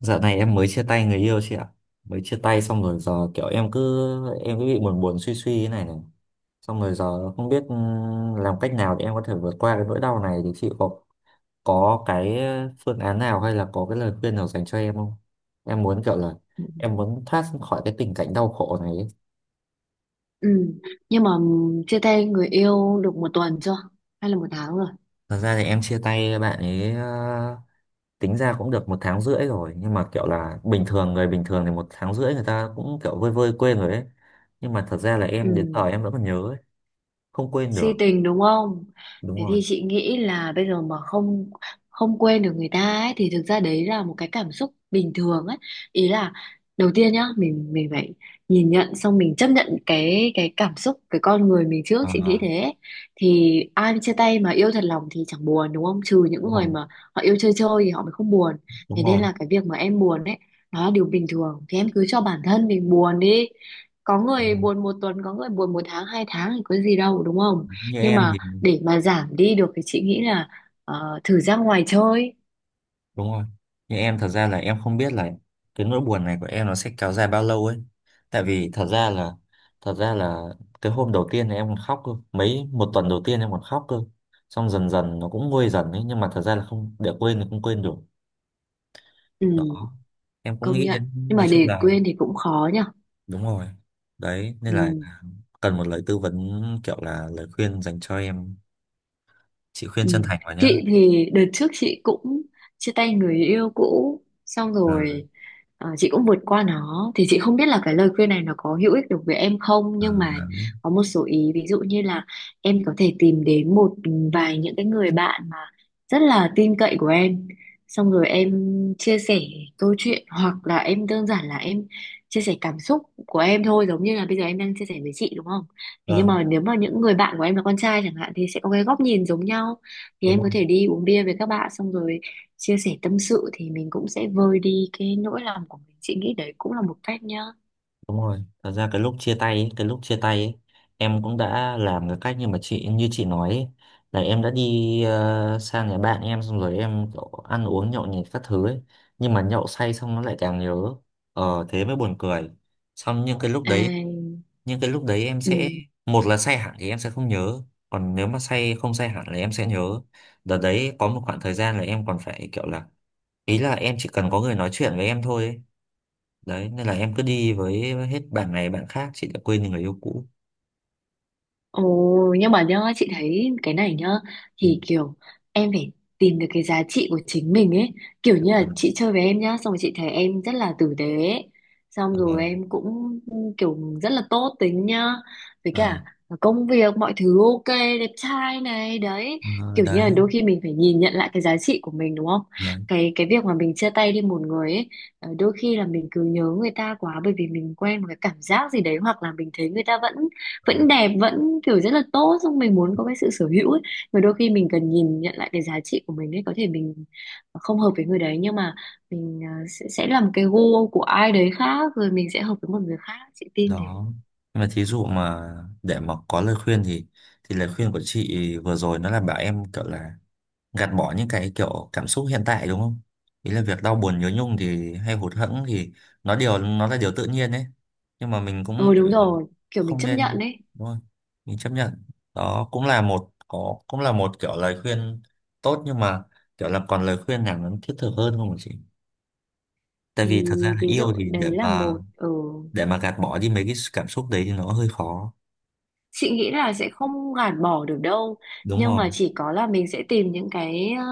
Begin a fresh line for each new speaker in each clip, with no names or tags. Dạo này em mới chia tay người yêu chị ạ. Mới chia tay xong rồi giờ kiểu em cứ bị buồn buồn suy suy thế này này. Xong rồi giờ không biết làm cách nào để em có thể vượt qua cái nỗi đau này thì chị có cái phương án nào hay là có cái lời khuyên nào dành cho em không? Em muốn kiểu là
Ừ.
em muốn thoát khỏi cái tình cảnh đau khổ này ấy.
Ừ. Nhưng mà chia tay người yêu được một tuần chưa? Hay là một tháng rồi?
Thật ra thì em chia tay bạn ấy tính ra cũng được một tháng rưỡi rồi, nhưng mà kiểu là bình thường, người bình thường thì một tháng rưỡi người ta cũng kiểu vơi vơi quên rồi ấy, nhưng mà thật ra là em đến giờ
Ừ.
em vẫn còn nhớ ấy, không quên
Si
được.
tình, đúng không?
Đúng
Thế
rồi.
thì chị nghĩ là bây giờ mà không không quên được người ta ấy thì thực ra đấy là một cái cảm xúc bình thường ấy. Ý là đầu tiên nhá, mình phải nhìn nhận, xong mình chấp nhận cái cảm xúc, cái con người mình trước, chị nghĩ
À,
thế. Thì ai chia tay mà yêu thật lòng thì chẳng buồn đúng không, trừ những
đúng
người
rồi,
mà họ yêu chơi chơi thì họ mới không buồn.
đúng
Thế nên
rồi.
là cái việc mà em buồn ấy, nó là điều bình thường, thì em cứ cho bản thân mình buồn đi. Có
Ừ.
người buồn một tuần, có người buồn một tháng, hai tháng thì có gì đâu đúng không.
Như
Nhưng
em
mà
thì
để mà giảm đi được thì chị nghĩ là thử ra ngoài chơi.
đúng rồi. Như em thật ra là em không biết là cái nỗi buồn này của em nó sẽ kéo dài bao lâu ấy, tại vì thật ra là cái hôm đầu tiên thì em còn khóc cơ, mấy một tuần đầu tiên em còn khóc cơ, xong dần dần nó cũng nguôi dần ấy, nhưng mà thật ra là không để quên thì không quên được.
Ừ,
Đó em cũng
công
nghĩ
nhận.
đến,
Nhưng
nói
mà
chung
để
là
quên thì cũng khó nhở.
đúng rồi. Đấy nên là
Ừ.
cần một lời tư vấn kiểu là lời khuyên dành cho em, chị khuyên
Ừ.
chân thành vào nhá.
Chị thì đợt trước chị cũng chia tay người yêu cũ xong
À,
rồi, chị cũng vượt qua nó. Thì chị không biết là cái lời khuyên này nó có hữu ích được với em không, nhưng mà
à, đấy.
có một số ý, ví dụ như là em có thể tìm đến một vài những cái người bạn mà rất là tin cậy của em, xong rồi em chia sẻ câu chuyện, hoặc là em đơn giản là em chia sẻ cảm xúc của em thôi, giống như là bây giờ em đang chia sẻ với chị đúng không? Thế nhưng
Vâng.
mà nếu mà những người bạn của em là con trai chẳng hạn thì sẽ có cái góc nhìn giống nhau, thì
Đúng
em
rồi.
có thể đi uống bia với các bạn, xong rồi chia sẻ tâm sự thì mình cũng sẽ vơi đi cái nỗi lòng của mình, chị nghĩ đấy cũng là một cách nhá.
Đúng rồi, thật ra cái lúc chia tay ấy, em cũng đã làm cái cách như mà chị nói ấy, là em đã đi sang nhà bạn em xong rồi em kiểu ăn uống nhậu nhẹt các thứ ấy, nhưng mà nhậu say xong nó lại càng nhớ. Ờ thế mới buồn cười. Xong nhưng cái lúc
À,
đấy, những cái lúc đấy em sẽ,
ừ.
một là say hẳn thì em sẽ không nhớ, còn nếu mà say không say hẳn là em sẽ nhớ. Đợt đấy có một khoảng thời gian là em còn phải kiểu là, ý là em chỉ cần có người nói chuyện với em thôi ấy. Đấy nên là em cứ đi với hết bạn này bạn khác, chị đã quên đi người yêu cũ.
Ồ, nhưng mà nhá, chị thấy cái này nhá,
Ừ.
thì kiểu em phải tìm được cái giá trị của chính mình ấy. Kiểu như là
Ờ,
chị chơi với em nhá, xong rồi chị thấy em rất là tử tế ấy. Xong rồi
ờ,
em cũng kiểu rất là tốt tính nhá. Với
ờ,
cả công việc, mọi thứ ok, đẹp trai này, đấy.
ờ,
Kiểu như
đấy.
là đôi khi mình phải nhìn nhận lại cái giá trị của mình đúng không?
Ờ,
Cái việc mà mình chia tay đi một người ấy, đôi khi là mình cứ nhớ người ta quá, bởi vì mình quen một cái cảm giác gì đấy, hoặc là mình thấy người ta vẫn
ờ.
vẫn đẹp, vẫn kiểu rất là tốt, xong mình muốn có cái sự sở hữu ấy, mà đôi khi mình cần nhìn nhận lại cái giá trị của mình ấy. Có thể mình không hợp với người đấy, nhưng mà mình sẽ làm cái gu của ai đấy khác, rồi mình sẽ hợp với một người khác, chị tin thế.
Đó. Nhưng mà thí dụ mà để mà có lời khuyên thì lời khuyên của chị vừa rồi nó là bảo em kiểu là gạt bỏ những cái kiểu cảm xúc hiện tại, đúng không? Ý là việc đau buồn nhớ nhung thì hay hụt hẫng thì nó là điều tự nhiên đấy, nhưng mà mình cũng
Ừ,
kiểu
đúng
là
rồi, kiểu mình
không
chấp nhận
nên,
ấy.
đúng không? Mình chấp nhận. Đó cũng là một kiểu lời khuyên tốt, nhưng mà kiểu là còn lời khuyên nào nó thiết thực hơn không hả chị? Tại
Thì
vì thật ra là
ví dụ
yêu thì để
đấy là
mà,
một. Ừ
để mà gạt bỏ đi mấy cái cảm xúc đấy thì nó hơi khó.
chị nghĩ là sẽ không gạt bỏ được đâu,
Đúng
nhưng
rồi.
mà chỉ có là mình sẽ tìm những cái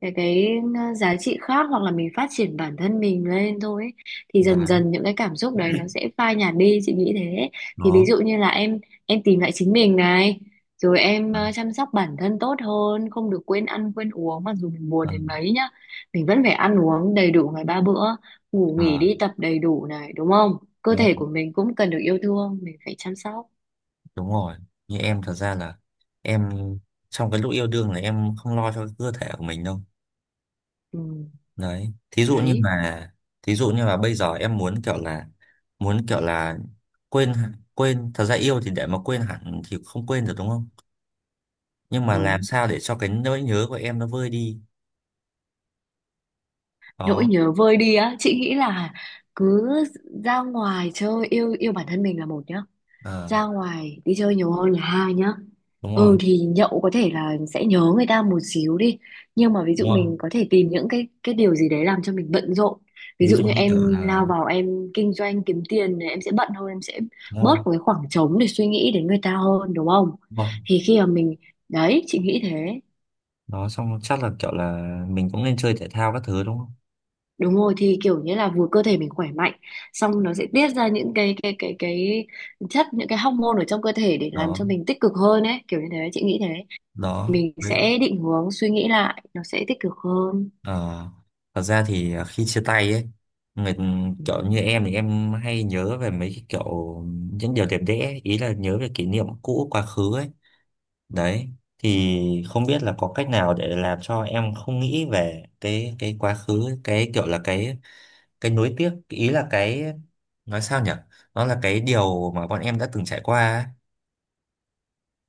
cái giá trị khác, hoặc là mình phát triển bản thân mình lên thôi ấy. Thì
Đó.
dần dần những cái cảm xúc đấy nó sẽ phai nhạt đi, chị nghĩ thế. Thì ví
Đó.
dụ như là em tìm lại chính mình này, rồi em
Ừ.
chăm sóc bản thân tốt hơn, không được quên ăn quên uống. Mặc dù mình buồn
Ừ.
đến mấy nhá, mình vẫn phải ăn uống đầy đủ ngày ba bữa, ngủ nghỉ
À,
đi tập đầy đủ này đúng không. Cơ
đúng,
thể của mình cũng cần được yêu thương, mình phải chăm sóc.
đúng rồi. Như em thật ra là em trong cái lúc yêu đương là em không lo cho cái cơ thể của mình đâu.
Ừ.
Đấy thí dụ như
Đấy,
mà, thí dụ như là bây giờ em muốn kiểu là, muốn kiểu là quên, thật ra yêu thì để mà quên hẳn thì không quên được đúng không, nhưng mà làm
đúng.
sao để cho cái nỗi nhớ của em nó vơi đi.
Nỗi
Đó.
nhớ vơi đi á, chị nghĩ là cứ ra ngoài chơi, yêu yêu bản thân mình là một nhá.
Ờ,
Ra ngoài đi chơi nhiều hơn là hai nhá.
đúng rồi.
Ừ thì nhậu có thể là sẽ nhớ người ta một xíu đi, nhưng mà ví dụ
Đúng rồi.
mình có thể tìm những cái điều gì đấy làm cho mình bận rộn. Ví
Ví
dụ
dụ
như
như kiểu
em lao
là
vào em kinh doanh kiếm tiền thì em sẽ bận hơn, em sẽ
đúng
bớt
rồi.
một cái khoảng trống để suy nghĩ đến người ta hơn đúng không?
Đúng rồi.
Thì khi mà mình Đấy, chị nghĩ thế.
Đó, xong chắc là kiểu là mình cũng nên chơi thể thao các thứ đúng không?
Đúng rồi, thì kiểu như là vừa cơ thể mình khỏe mạnh, xong nó sẽ tiết ra những cái chất, những cái hormone ở trong cơ thể để làm cho mình tích cực hơn ấy, kiểu như thế chị nghĩ thế.
Đó.
Mình
Đó.
sẽ định hướng suy nghĩ lại, nó sẽ tích cực hơn.
Ờ, thật ra thì khi chia tay ấy người,
Ừ.
kiểu như em thì em hay nhớ về mấy cái kiểu những điều đẹp đẽ, ý là nhớ về kỷ niệm cũ quá khứ ấy. Đấy, thì không biết là có cách nào để làm cho em không nghĩ về cái quá khứ, cái kiểu là cái nuối tiếc, ý là cái nói sao nhỉ, nó là cái điều mà bọn em đã từng trải qua ấy.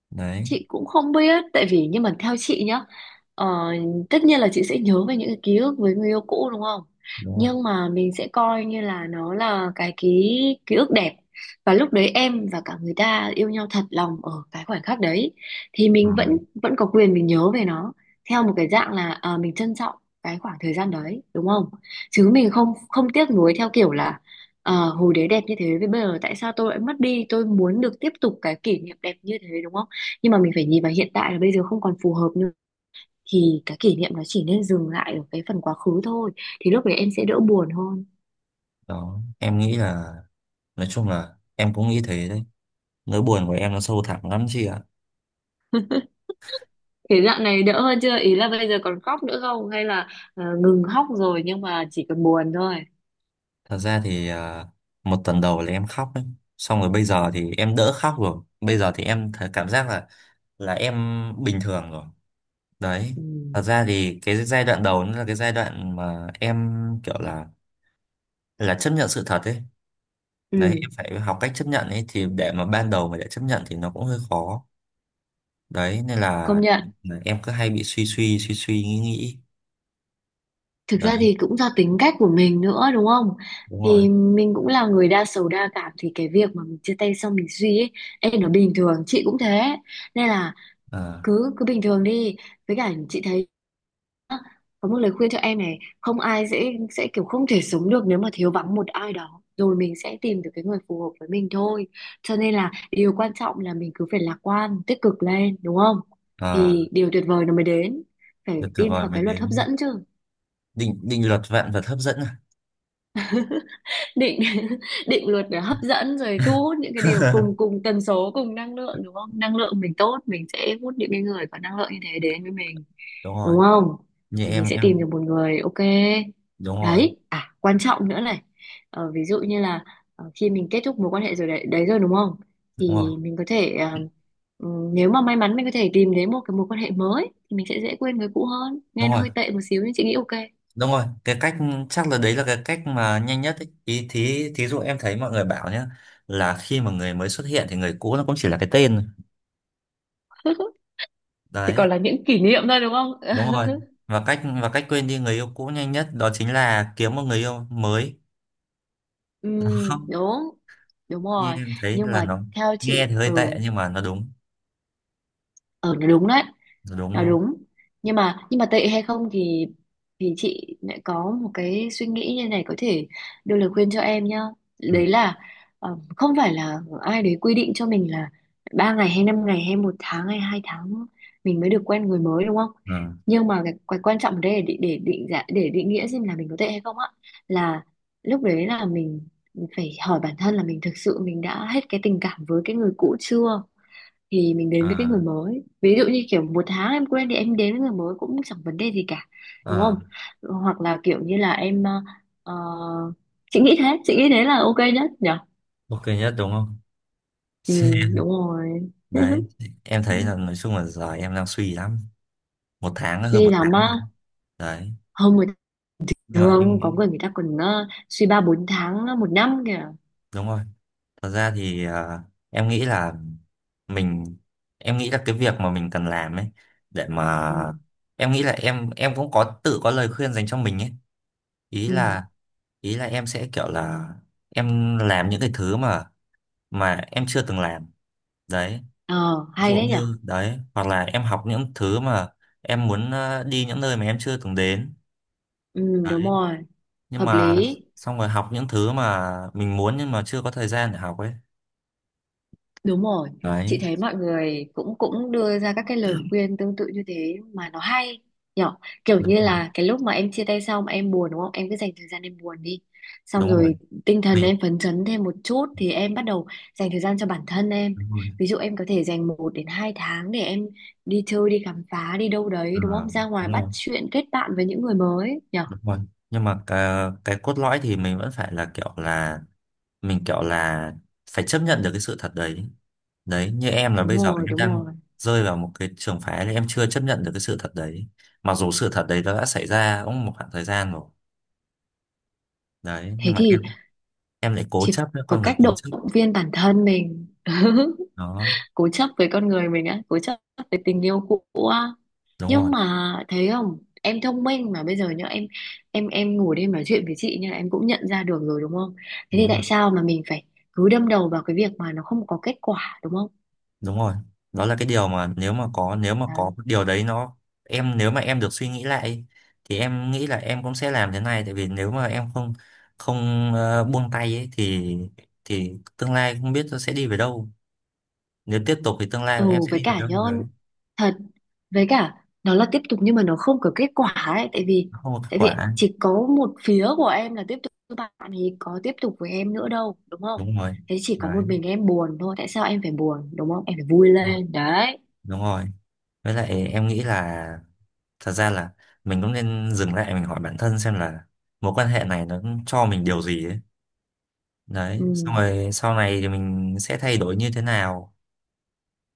Đấy.
Chị cũng không biết, tại vì nhưng mà theo chị nhá, ờ, tất nhiên là chị sẽ nhớ về những cái ký ức với người yêu cũ đúng không,
Đúng
nhưng mà mình sẽ coi như là nó là cái ký ký ức đẹp, và lúc đấy em và cả người ta yêu nhau thật lòng ở cái khoảnh khắc đấy, thì mình
rồi.
vẫn vẫn có quyền mình nhớ về nó theo một cái dạng là mình trân trọng cái khoảng thời gian đấy đúng không. Chứ mình không không tiếc nuối theo kiểu là hồi đấy đẹp như thế, với bây giờ tại sao tôi lại mất đi, tôi muốn được tiếp tục cái kỷ niệm đẹp như thế đúng không. Nhưng mà mình phải nhìn vào hiện tại là bây giờ không còn phù hợp nữa, thì cái kỷ niệm nó chỉ nên dừng lại ở cái phần quá khứ thôi, thì lúc đấy em sẽ đỡ buồn hơn.
Đó em nghĩ là nói chung là em cũng nghĩ thế đấy, nỗi buồn của em nó sâu thẳm lắm chị ạ.
Thế dạo này đỡ hơn chưa, ý là bây giờ còn khóc nữa không, hay là ngừng khóc rồi nhưng mà chỉ còn buồn thôi.
Thật ra thì một tuần đầu là em khóc ấy, xong rồi bây giờ thì em đỡ khóc rồi, bây giờ thì em thấy cảm giác là em bình thường rồi. Đấy.
Ừ.
Thật ra thì cái giai đoạn đầu nó là cái giai đoạn mà em kiểu là chấp nhận sự thật ấy. Đấy em
Ừ,
phải học cách chấp nhận ấy, thì để mà ban đầu mà để chấp nhận thì nó cũng hơi khó. Đấy nên
công nhận.
là em cứ hay bị suy suy suy suy nghĩ nghĩ.
Thực ra thì cũng do tính cách của mình nữa đúng không,
Đúng rồi.
thì mình cũng là người đa sầu đa cảm, thì cái việc mà mình chia tay xong mình suy ấy, ê, nó bình thường, chị cũng thế. Nên là
À,
cứ cứ bình thường đi. Với cả chị thấy á, có một lời khuyên cho em này, không ai sẽ kiểu không thể sống được nếu mà thiếu vắng một ai đó, rồi mình sẽ tìm được cái người phù hợp với mình thôi. Cho nên là điều quan trọng là mình cứ phải lạc quan tích cực lên đúng không,
à.
thì điều tuyệt vời nó mới đến.
Được
Phải
tuyệt
tin
vời
vào
mới
cái luật hấp
đến.
dẫn chứ.
Định định luật vạn vật hấp dẫn à?
định định luật để hấp dẫn, rồi thu hút những cái điều cùng cùng tần số, cùng năng lượng đúng không. Năng lượng mình tốt, mình sẽ hút những cái người có năng lượng như thế đến với mình,
Đúng rồi.
đúng không,
Như
thì mình sẽ tìm
em
được một người ok.
đúng rồi.
Đấy, à quan trọng nữa này. Ví dụ như là, khi mình kết thúc mối quan hệ rồi đấy, đấy rồi đúng không,
Đúng rồi.
thì mình có thể ừ, nếu mà may mắn mình có thể tìm đến một cái mối quan hệ mới, thì mình sẽ dễ quên người cũ hơn,
Đúng
nghe nó
rồi.
hơi tệ một xíu nhưng chị nghĩ ok.
Đúng rồi cái cách, chắc là đấy là cái cách mà nhanh nhất ấy. Ý thí thí dụ em thấy mọi người bảo nhá, là khi mà người mới xuất hiện thì người cũ nó cũng chỉ là cái tên thôi.
Chỉ
Đấy.
còn là những kỷ niệm thôi đúng không.
Đúng rồi. Và cách quên đi người yêu cũ nhanh nhất đó chính là kiếm một người yêu mới.
Ừ,
Nó không.
đúng đúng
Như
rồi.
em thấy
Nhưng
là
mà
nó
theo
nghe
chị
thì hơi tệ nhưng mà nó đúng.
ừ đúng đấy,
Nó đúng
là
luôn.
đúng. Nhưng mà tệ hay không thì, chị lại có một cái suy nghĩ như này, có thể đưa lời khuyên cho em nhá.
Ừ.
Đấy là không phải là ai đấy quy định cho mình là ba ngày hay năm ngày hay một tháng hay hai tháng mình mới được quen người mới đúng không.
À,
Nhưng mà cái quan trọng ở đây để định giá, để định nghĩa xem là mình có tệ hay không á, là lúc đấy là mình phải hỏi bản thân là mình thực sự mình đã hết cái tình cảm với cái người cũ chưa, thì mình đến với cái người
à.
mới. Ví dụ như kiểu một tháng em quen thì em đến với người mới cũng chẳng vấn đề gì cả đúng
Ờ,
không, hoặc là kiểu như là em ờ, chị nghĩ thế, chị nghĩ thế là ok nhất nhở.
ok nhất đúng không?
Ừ, đúng rồi.
Đấy, em thấy là nói chung là giờ em đang suy lắm. Một tháng, hơn
Suy
một
lắm
tháng
á.
rồi. Đấy,
Không, người ta
nhưng mà
thường
em,
có người người ta còn suy ba bốn tháng, một năm kìa.
đúng rồi. Thật ra thì em nghĩ là mình, em nghĩ là cái việc mà mình cần làm ấy, để mà,
Ừ.
em nghĩ là em cũng có tự có lời khuyên dành cho mình ấy. Ý
Ừ.
là, ý là em sẽ kiểu là, em làm những cái thứ mà em chưa từng làm. Đấy,
Ờ
ví
hay
dụ
đấy nhở.
như đấy, hoặc là em học những thứ mà em muốn, đi những nơi mà em chưa từng đến.
Ừ, đúng
Đấy,
rồi.
nhưng
Hợp
mà
lý.
xong rồi học những thứ mà mình muốn nhưng mà chưa có thời gian để học ấy.
Đúng rồi, chị
Đấy.
thấy mọi người cũng cũng đưa ra các cái lời khuyên tương tự như thế mà nó hay nhỏ. Kiểu
Đúng
như
rồi.
là cái lúc mà em chia tay xong em buồn đúng không, em cứ dành thời gian em buồn đi, xong
Đúng rồi.
rồi tinh thần
Mình
em phấn chấn thêm một chút thì em bắt đầu dành thời gian cho bản thân em.
đúng rồi.
Ví dụ em có thể dành một đến hai tháng để em đi chơi, đi khám phá, đi đâu đấy
Ờ,
đúng không, ra ngoài
đúng
bắt
rồi.
chuyện kết bạn với những người mới nhở.
Đúng rồi nhưng mà cái cốt lõi thì mình vẫn phải là kiểu là, mình kiểu là phải chấp nhận được cái sự thật đấy. Đấy như em là
Đúng
bây giờ
rồi,
em
đúng
đang
rồi.
rơi vào một cái trường phái là em chưa chấp nhận được cái sự thật đấy, mặc dù sự thật đấy nó đã xảy ra cũng một khoảng thời gian rồi. Đấy nhưng
Thế
mà em
thì
em lại cố
chỉ
chấp đấy,
có
con người
cách
cố
động
chấp.
viên bản thân mình.
Đó.
Cố chấp với con người mình á, cố chấp với tình yêu cũ á.
Đúng rồi.
Nhưng mà thấy không, em thông minh mà, bây giờ nhá, em ngồi đây nói chuyện với chị, nên là em cũng nhận ra được rồi đúng không. Thế
Đúng
thì
rồi.
tại sao mà mình phải cứ đâm đầu vào cái việc mà nó không có kết quả đúng không.
Đúng rồi. Đó là cái điều mà nếu mà có
Đấy.
cái điều đấy nó, em nếu mà em được suy nghĩ lại thì em nghĩ là em cũng sẽ làm thế này, tại vì nếu mà em không không ờ, buông tay ấy thì tương lai không biết nó sẽ đi về đâu, nếu tiếp tục thì tương
Ừ,
lai em sẽ
với
đi về
cả
đâu
nhớ
đấy.
thật, với cả nó là tiếp tục nhưng mà nó không có kết quả ấy. Tại vì
Nó không có kết quả.
chỉ có một phía của em là tiếp tục, với bạn thì có tiếp tục với em nữa đâu đúng không.
Đúng rồi.
Thế chỉ có
Đấy.
một mình em buồn thôi, tại sao em phải buồn đúng không, em phải vui lên đấy.
Đúng rồi với lại em nghĩ là thật ra là mình cũng nên dừng lại, mình hỏi bản thân xem là mối quan hệ này nó cho mình điều gì ấy. Đấy
Ừ.
xong rồi sau này thì mình sẽ thay đổi như thế nào.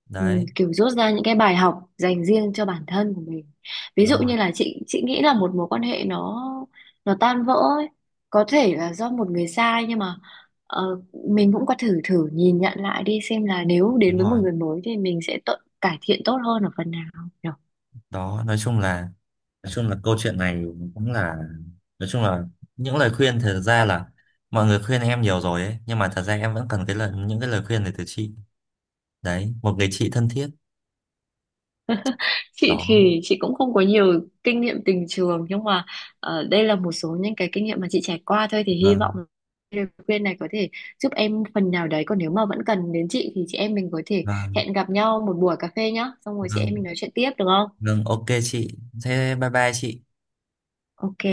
Đấy.
Ừ, kiểu rút ra những cái bài học dành riêng cho bản thân của mình. Ví
Đúng
dụ
rồi.
như là chị nghĩ là một mối quan hệ nó tan vỡ ấy, có thể là do một người sai, nhưng mà ờ, mình cũng có thử thử nhìn nhận lại đi xem là nếu đến
Đúng
với một
rồi.
người mới thì mình sẽ tự cải thiện tốt hơn ở phần nào nhỉ?
Đó nói chung là câu chuyện này cũng là, nói chung là những lời khuyên thật ra là mọi người khuyên em nhiều rồi ấy, nhưng mà thật ra em vẫn cần cái lời những cái lời khuyên này từ chị. Đấy, một người chị thân thiết.
Chị
Đó.
thì chị cũng không có nhiều kinh nghiệm tình trường, nhưng mà đây là một số những cái kinh nghiệm mà chị trải qua thôi, thì hy vọng
Vâng.
lời khuyên này có thể giúp em phần nào đấy. Còn nếu mà vẫn cần đến chị thì chị em mình có thể
Vâng.
hẹn gặp nhau một buổi cà phê nhá, xong rồi chị em mình
Vâng.
nói chuyện tiếp được không?
Vâng, ok chị. Thế bye bye chị.
Ok.